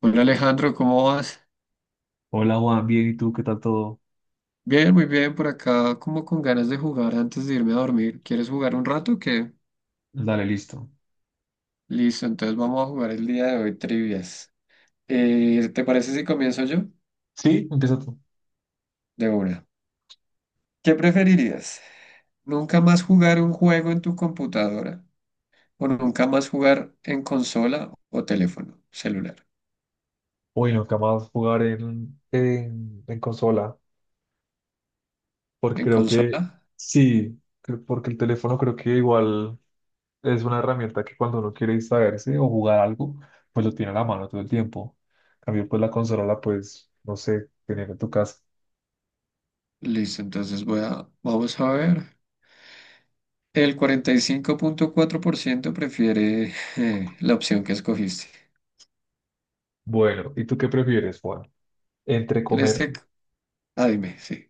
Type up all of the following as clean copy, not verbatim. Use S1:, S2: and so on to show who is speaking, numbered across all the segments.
S1: Hola Alejandro, ¿cómo vas?
S2: Hola Juan, bien, ¿y tú qué tal todo?
S1: Bien, muy bien, por acá como con ganas de jugar antes de irme a dormir. ¿Quieres jugar un rato o qué?
S2: Dale, listo.
S1: Listo, entonces vamos a jugar el día de hoy trivias. ¿Te parece si comienzo yo?
S2: Sí, empieza tú.
S1: De una. ¿Qué preferirías? ¿Nunca más jugar un juego en tu computadora o nunca más jugar en consola o teléfono celular?
S2: Uy, nunca más jugar en consola, porque
S1: ¿En
S2: creo que
S1: consola?
S2: sí, porque el teléfono creo que igual es una herramienta que cuando uno quiere distraerse o jugar algo, pues lo tiene a la mano todo el tiempo. En cambio, pues la consola la puedes, no sé, tener en tu casa.
S1: Listo, vamos a ver. El cuarenta y cinco punto cuatro por ciento prefiere la opción que escogiste.
S2: Bueno, ¿y tú qué prefieres, Juan? Entre
S1: En
S2: comer,
S1: este, c- ah, dime, sí.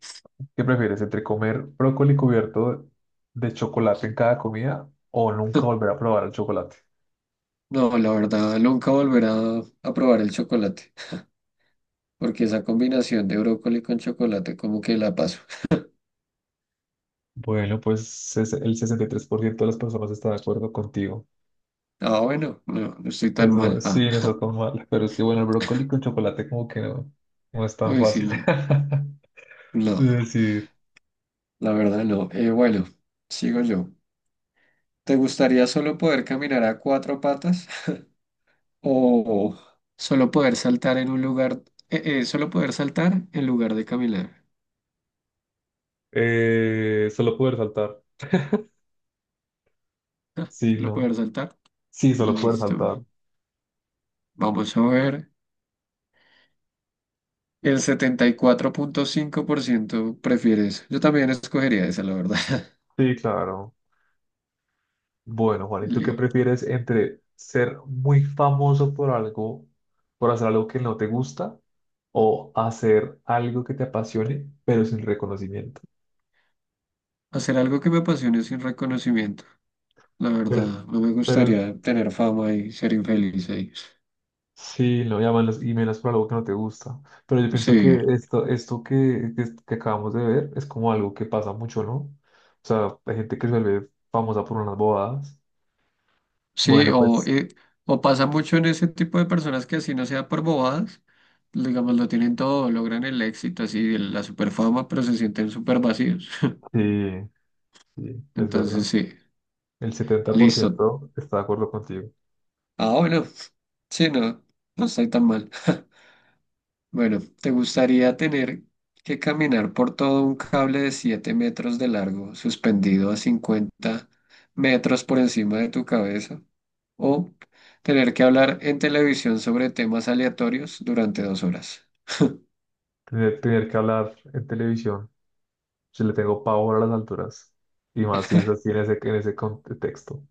S2: ¿qué prefieres? ¿Entre comer brócoli cubierto de chocolate en cada comida o nunca volver a probar el chocolate?
S1: No, la verdad, nunca volverá a probar el chocolate, porque esa combinación de brócoli con chocolate como que la paso.
S2: Bueno, pues el 63% de las personas está de acuerdo contigo.
S1: Ah, bueno, no, no estoy tan
S2: Eso
S1: mal.
S2: sí,
S1: Ah,
S2: no está tan mal. Pero es que, bueno, el brócoli con chocolate como que no, no es tan
S1: uy, sí,
S2: fácil
S1: no,
S2: de
S1: no,
S2: decir.
S1: la verdad no. Bueno, sigo yo. ¿Te gustaría solo poder caminar a cuatro patas o solo poder saltar en un lugar, solo poder saltar en lugar de caminar?
S2: Solo poder saltar.
S1: Ah,
S2: Sí,
S1: solo
S2: no.
S1: poder saltar.
S2: Sí, solo poder
S1: Listo.
S2: saltar.
S1: Vamos a ver. El setenta y cuatro punto cinco por ciento prefiere eso. Yo también escogería esa, la verdad.
S2: Sí, claro. Bueno, Juan, ¿y tú qué
S1: Li-
S2: prefieres entre ser muy famoso por algo, por hacer algo que no te gusta, o hacer algo que te apasione, pero sin reconocimiento?
S1: Hacer algo que me apasione sin reconocimiento. La
S2: Pero,
S1: verdad, no me
S2: pero
S1: gustaría tener fama y ser infeliz ahí.
S2: sí, lo llaman los emails por algo que no te gusta. Pero yo pienso
S1: Sí,
S2: que esto que acabamos de ver es como algo que pasa mucho, ¿no? O sea, hay gente que se vuelve famosa por unas bobadas.
S1: sí,
S2: Bueno, pues
S1: o pasa mucho en ese tipo de personas que así no sea por bobadas, digamos, lo tienen todo, logran el éxito, así, la super fama, pero se sienten súper vacíos.
S2: sí, sí, es
S1: Entonces,
S2: verdad.
S1: sí,
S2: El setenta por
S1: listo.
S2: ciento está de acuerdo contigo.
S1: Ah, bueno, sí, no, no estoy tan mal. Bueno, ¿te gustaría tener que caminar por todo un cable de 7 metros de largo, suspendido a 50 metros por encima de tu cabeza? ¿O tener que hablar en televisión sobre temas aleatorios durante dos horas?
S2: Tener que hablar en televisión, yo le tengo pavor a las alturas. Y más si es así en ese contexto.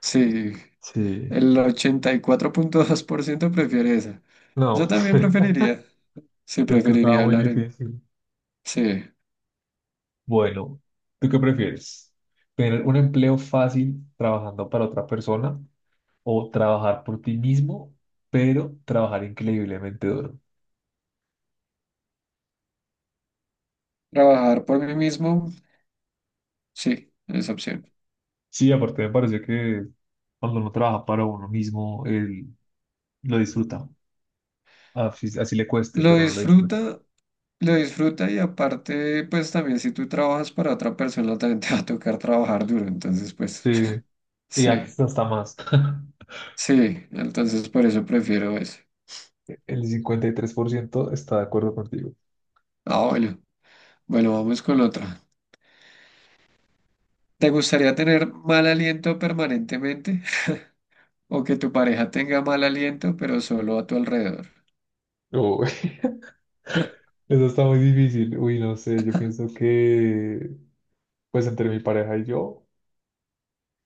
S1: Sí,
S2: Sí,
S1: el ochenta y cuatro punto dos por ciento prefiere esa. Yo
S2: no,
S1: también preferiría. Sí,
S2: es que estaba
S1: preferiría
S2: muy
S1: hablar en...
S2: difícil.
S1: Sí,
S2: Bueno, ¿tú qué prefieres? ¿Tener un empleo fácil trabajando para otra persona o trabajar por ti mismo, pero trabajar increíblemente duro?
S1: trabajar por mí mismo. Sí, esa opción.
S2: Sí, aparte me parece que cuando uno trabaja para uno mismo, él lo disfruta. Así, así le cueste,
S1: ¿Lo
S2: pero no lo disfruta.
S1: disfruta? Lo disfruta, y aparte, pues también si tú trabajas para otra persona, también te va a tocar trabajar duro. Entonces, pues,
S2: Sí, y
S1: sí,
S2: hasta más.
S1: sí, entonces por eso prefiero ese.
S2: El 53% está de acuerdo contigo.
S1: Ah, bueno, bueno, vamos con otra. ¿Te gustaría tener mal aliento permanentemente o que tu pareja tenga mal aliento, pero solo a tu alrededor?
S2: Uy, eso está muy difícil. Uy, no sé, yo pienso que, pues entre mi pareja y yo,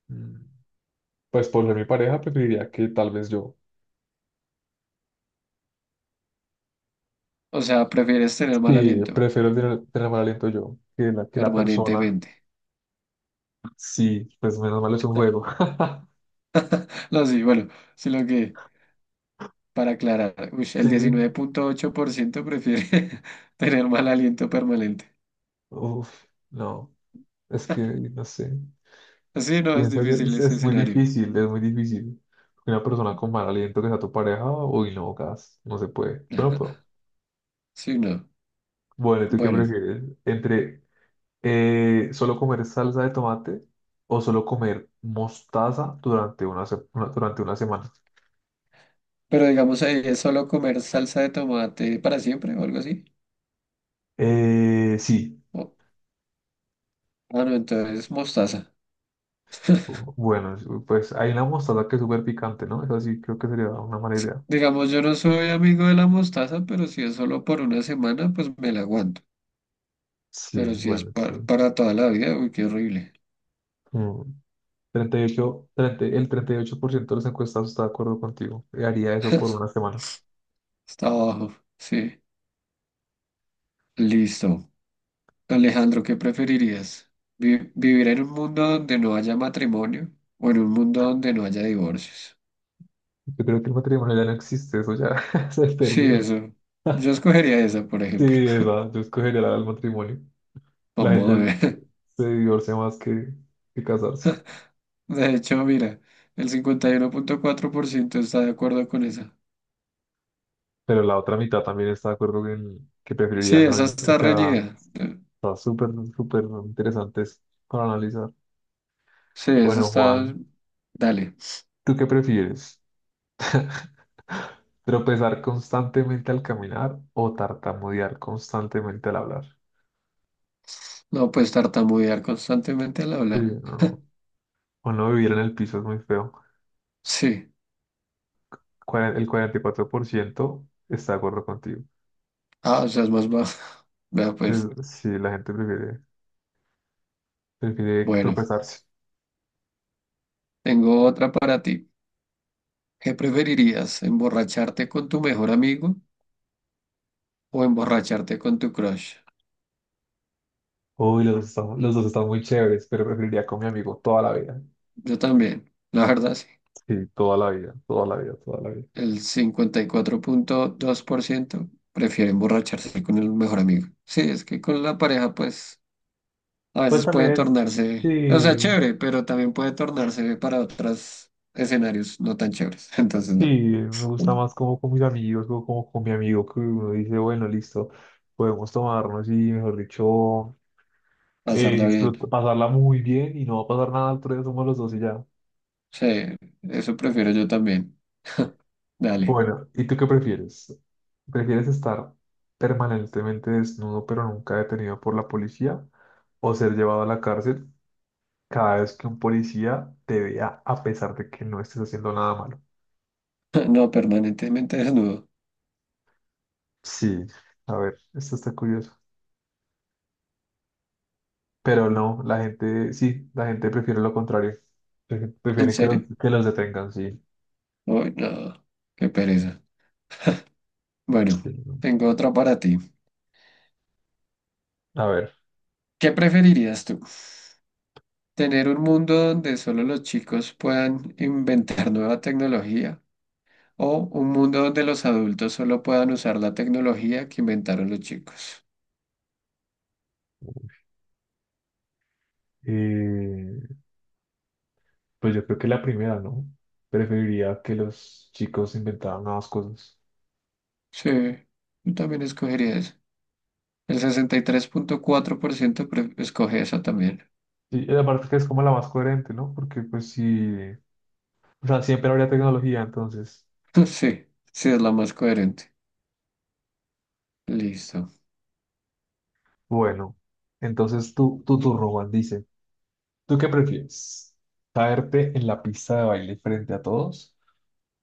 S2: mm, pues por ser mi pareja, preferiría que tal vez yo.
S1: O sea, ¿prefieres tener mal
S2: Sí,
S1: aliento
S2: prefiero tener mal aliento yo que la persona.
S1: permanentemente?
S2: Sí, pues menos mal es un juego.
S1: No, sí, bueno, sino que, para aclarar, uy,
S2: Sí,
S1: el diecinueve punto ocho por ciento prefiere tener mal aliento permanente.
S2: uff, no, es que no sé.
S1: Sí, no, es
S2: Pienso que
S1: difícil ese
S2: es muy
S1: escenario.
S2: difícil, es muy difícil. Una persona con mal aliento que sea tu pareja, uy, no, gas, no se puede. Yo no puedo.
S1: Sí, no.
S2: Bueno, ¿tú qué
S1: Bueno,
S2: prefieres? ¿Entre solo comer salsa de tomate o solo comer mostaza durante una semana?
S1: pero digamos ahí es solo comer salsa de tomate para siempre o algo así.
S2: Sí,
S1: O- ah, no, entonces mostaza.
S2: bueno, pues hay una mostaza que es súper picante, ¿no? Eso sí, creo que sería una mala idea.
S1: Digamos, yo no soy amigo de la mostaza, pero si es solo por una semana, pues me la aguanto. Pero
S2: Sí,
S1: si es
S2: bueno, sí.
S1: para toda la vida, uy, qué horrible.
S2: Mm, 38 30 el 38% de los encuestados está de acuerdo contigo. Haría eso por una semana.
S1: Está abajo. Sí. Listo. Alejandro, ¿qué preferirías? ¿Vivir en un mundo donde no haya matrimonio o en un mundo donde no haya divorcios?
S2: Yo creo que el matrimonio ya no existe, eso ya se
S1: Sí,
S2: perdió.
S1: eso. Yo escogería esa, por ejemplo,
S2: Sí, esa, yo escogería el matrimonio. La
S1: como de...
S2: gente
S1: ver.
S2: se divorcia más que casarse.
S1: De hecho, mira, el cincuenta y uno punto cuatro por ciento está de acuerdo con esa.
S2: Pero la otra mitad también está de acuerdo en que
S1: Sí,
S2: preferiría, ¿no?
S1: esa
S2: O
S1: está
S2: sea,
S1: reñida.
S2: está súper, súper interesante eso para analizar.
S1: Sí, esa
S2: Bueno, Juan,
S1: está... Dale.
S2: ¿tú qué prefieres? ¿Tropezar constantemente al caminar o tartamudear constantemente al hablar?
S1: No puedes tartamudear constantemente al
S2: Sí,
S1: hablar.
S2: no. O no vivir en el piso es muy feo.
S1: Sí.
S2: El 44% está de acuerdo contigo.
S1: Ah, o sea, es más bajo. Vea, pues.
S2: Es- sí, la gente prefiere
S1: Bueno,
S2: tropezarse.
S1: tengo otra para ti. ¿Qué preferirías? ¿Emborracharte con tu mejor amigo o emborracharte con tu crush?
S2: Uy, los dos están muy chéveres, pero preferiría con mi amigo toda la vida.
S1: Yo también, la verdad, sí.
S2: Sí, toda la vida, toda la vida, toda la vida.
S1: El cincuenta y cuatro punto dos por ciento prefiere emborracharse con el mejor amigo. Sí, es que con la pareja, pues, a
S2: Pues
S1: veces
S2: también
S1: puede
S2: es,
S1: tornarse, o sea,
S2: sí,
S1: chévere, pero también puede tornarse para otros escenarios no tan chéveres. Entonces,
S2: sí,
S1: no,
S2: me gusta más como con mis amigos, como, como con mi amigo, que uno dice, bueno, listo, podemos tomarnos y, mejor dicho,
S1: pasarla bien.
S2: pasarla muy bien y no va a pasar nada, al otro día somos los dos y ya.
S1: Sí, eso prefiero yo también. Dale.
S2: Bueno, ¿y tú qué prefieres? ¿Prefieres estar permanentemente desnudo pero nunca detenido por la policía, o ser llevado a la cárcel cada vez que un policía te vea a pesar de que no estés haciendo nada malo?
S1: No, permanentemente desnudo.
S2: Sí, a ver, esto está curioso. Pero no, la gente, sí, la gente prefiere lo contrario.
S1: ¿En
S2: Prefiere que los,
S1: serio?
S2: que los detengan, sí.
S1: Uy, no, qué pereza.
S2: Sí,
S1: Bueno,
S2: no.
S1: tengo otra para ti.
S2: A ver,
S1: ¿Qué preferirías tú? Tener un mundo donde solo los chicos puedan inventar nueva tecnología o un mundo donde los adultos solo puedan usar la tecnología que inventaron los chicos.
S2: eh, pues yo creo que la primera, ¿no? Preferiría que los chicos inventaran nuevas cosas.
S1: Sí, yo también escogería eso. El 63.4% escoge esa también.
S2: Sí, y aparte que es como la más coherente, ¿no? Porque pues sí, o sea, siempre habría tecnología, entonces,
S1: Sí, sí es la más coherente. Listo.
S2: bueno, entonces tú, tu turno, Juan, dice. ¿Tú qué prefieres? ¿Caerte en la pista de baile frente a todos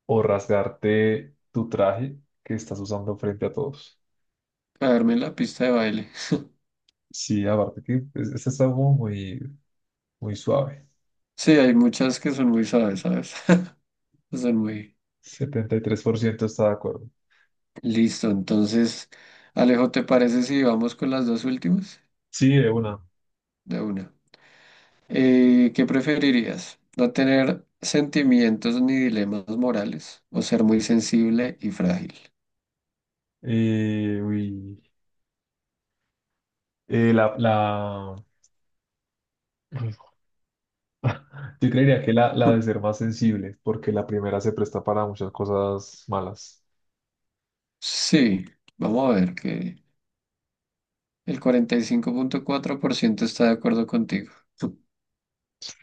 S2: o rasgarte tu traje que estás usando frente a todos?
S1: Caerme en la pista de baile.
S2: Sí, aparte que pues, este está como muy, muy suave.
S1: Sí, hay muchas que son muy suaves, ¿sabes? Son muy...
S2: 73% está de acuerdo.
S1: Listo, entonces, Alejo, ¿te parece si vamos con las dos últimas?
S2: Sí, de una.
S1: De una. ¿Qué preferirías? ¿No tener sentimientos ni dilemas morales o ser muy sensible y frágil?
S2: Uy. Eh, la, la... Yo creería que la de ser más sensible, porque la primera se presta para muchas cosas malas.
S1: Sí, vamos a ver que el 45.4% está de acuerdo contigo.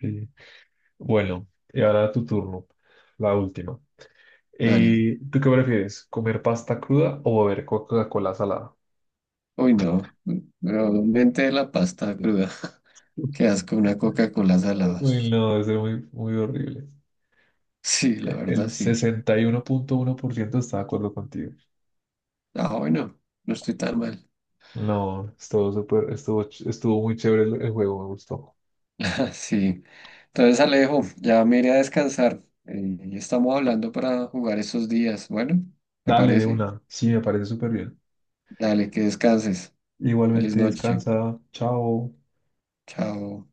S2: Sí. Bueno, y ahora tu turno, la última.
S1: Dale.
S2: ¿Tú qué prefieres? ¿Comer pasta cruda o beber Coca-Cola salada?
S1: Uy, no. Probablemente de la pasta cruda. Qué asco una Coca-Cola salada.
S2: Uy, no, eso es muy, muy horrible.
S1: Sí, la verdad,
S2: El
S1: sí.
S2: sesenta y uno uno punto uno por ciento está de acuerdo contigo.
S1: Ah, bueno, no estoy tan mal.
S2: No, estuvo súper, estuvo, estuvo muy chévere el juego, me gustó.
S1: Sí. Entonces, Alejo, ya me iré a descansar. Ya estamos hablando para jugar estos días. Bueno, ¿me
S2: Dale de
S1: parece?
S2: una, sí, me parece súper bien.
S1: Dale, que descanses. Feliz
S2: Igualmente
S1: noche.
S2: descansa, chao.
S1: Chao.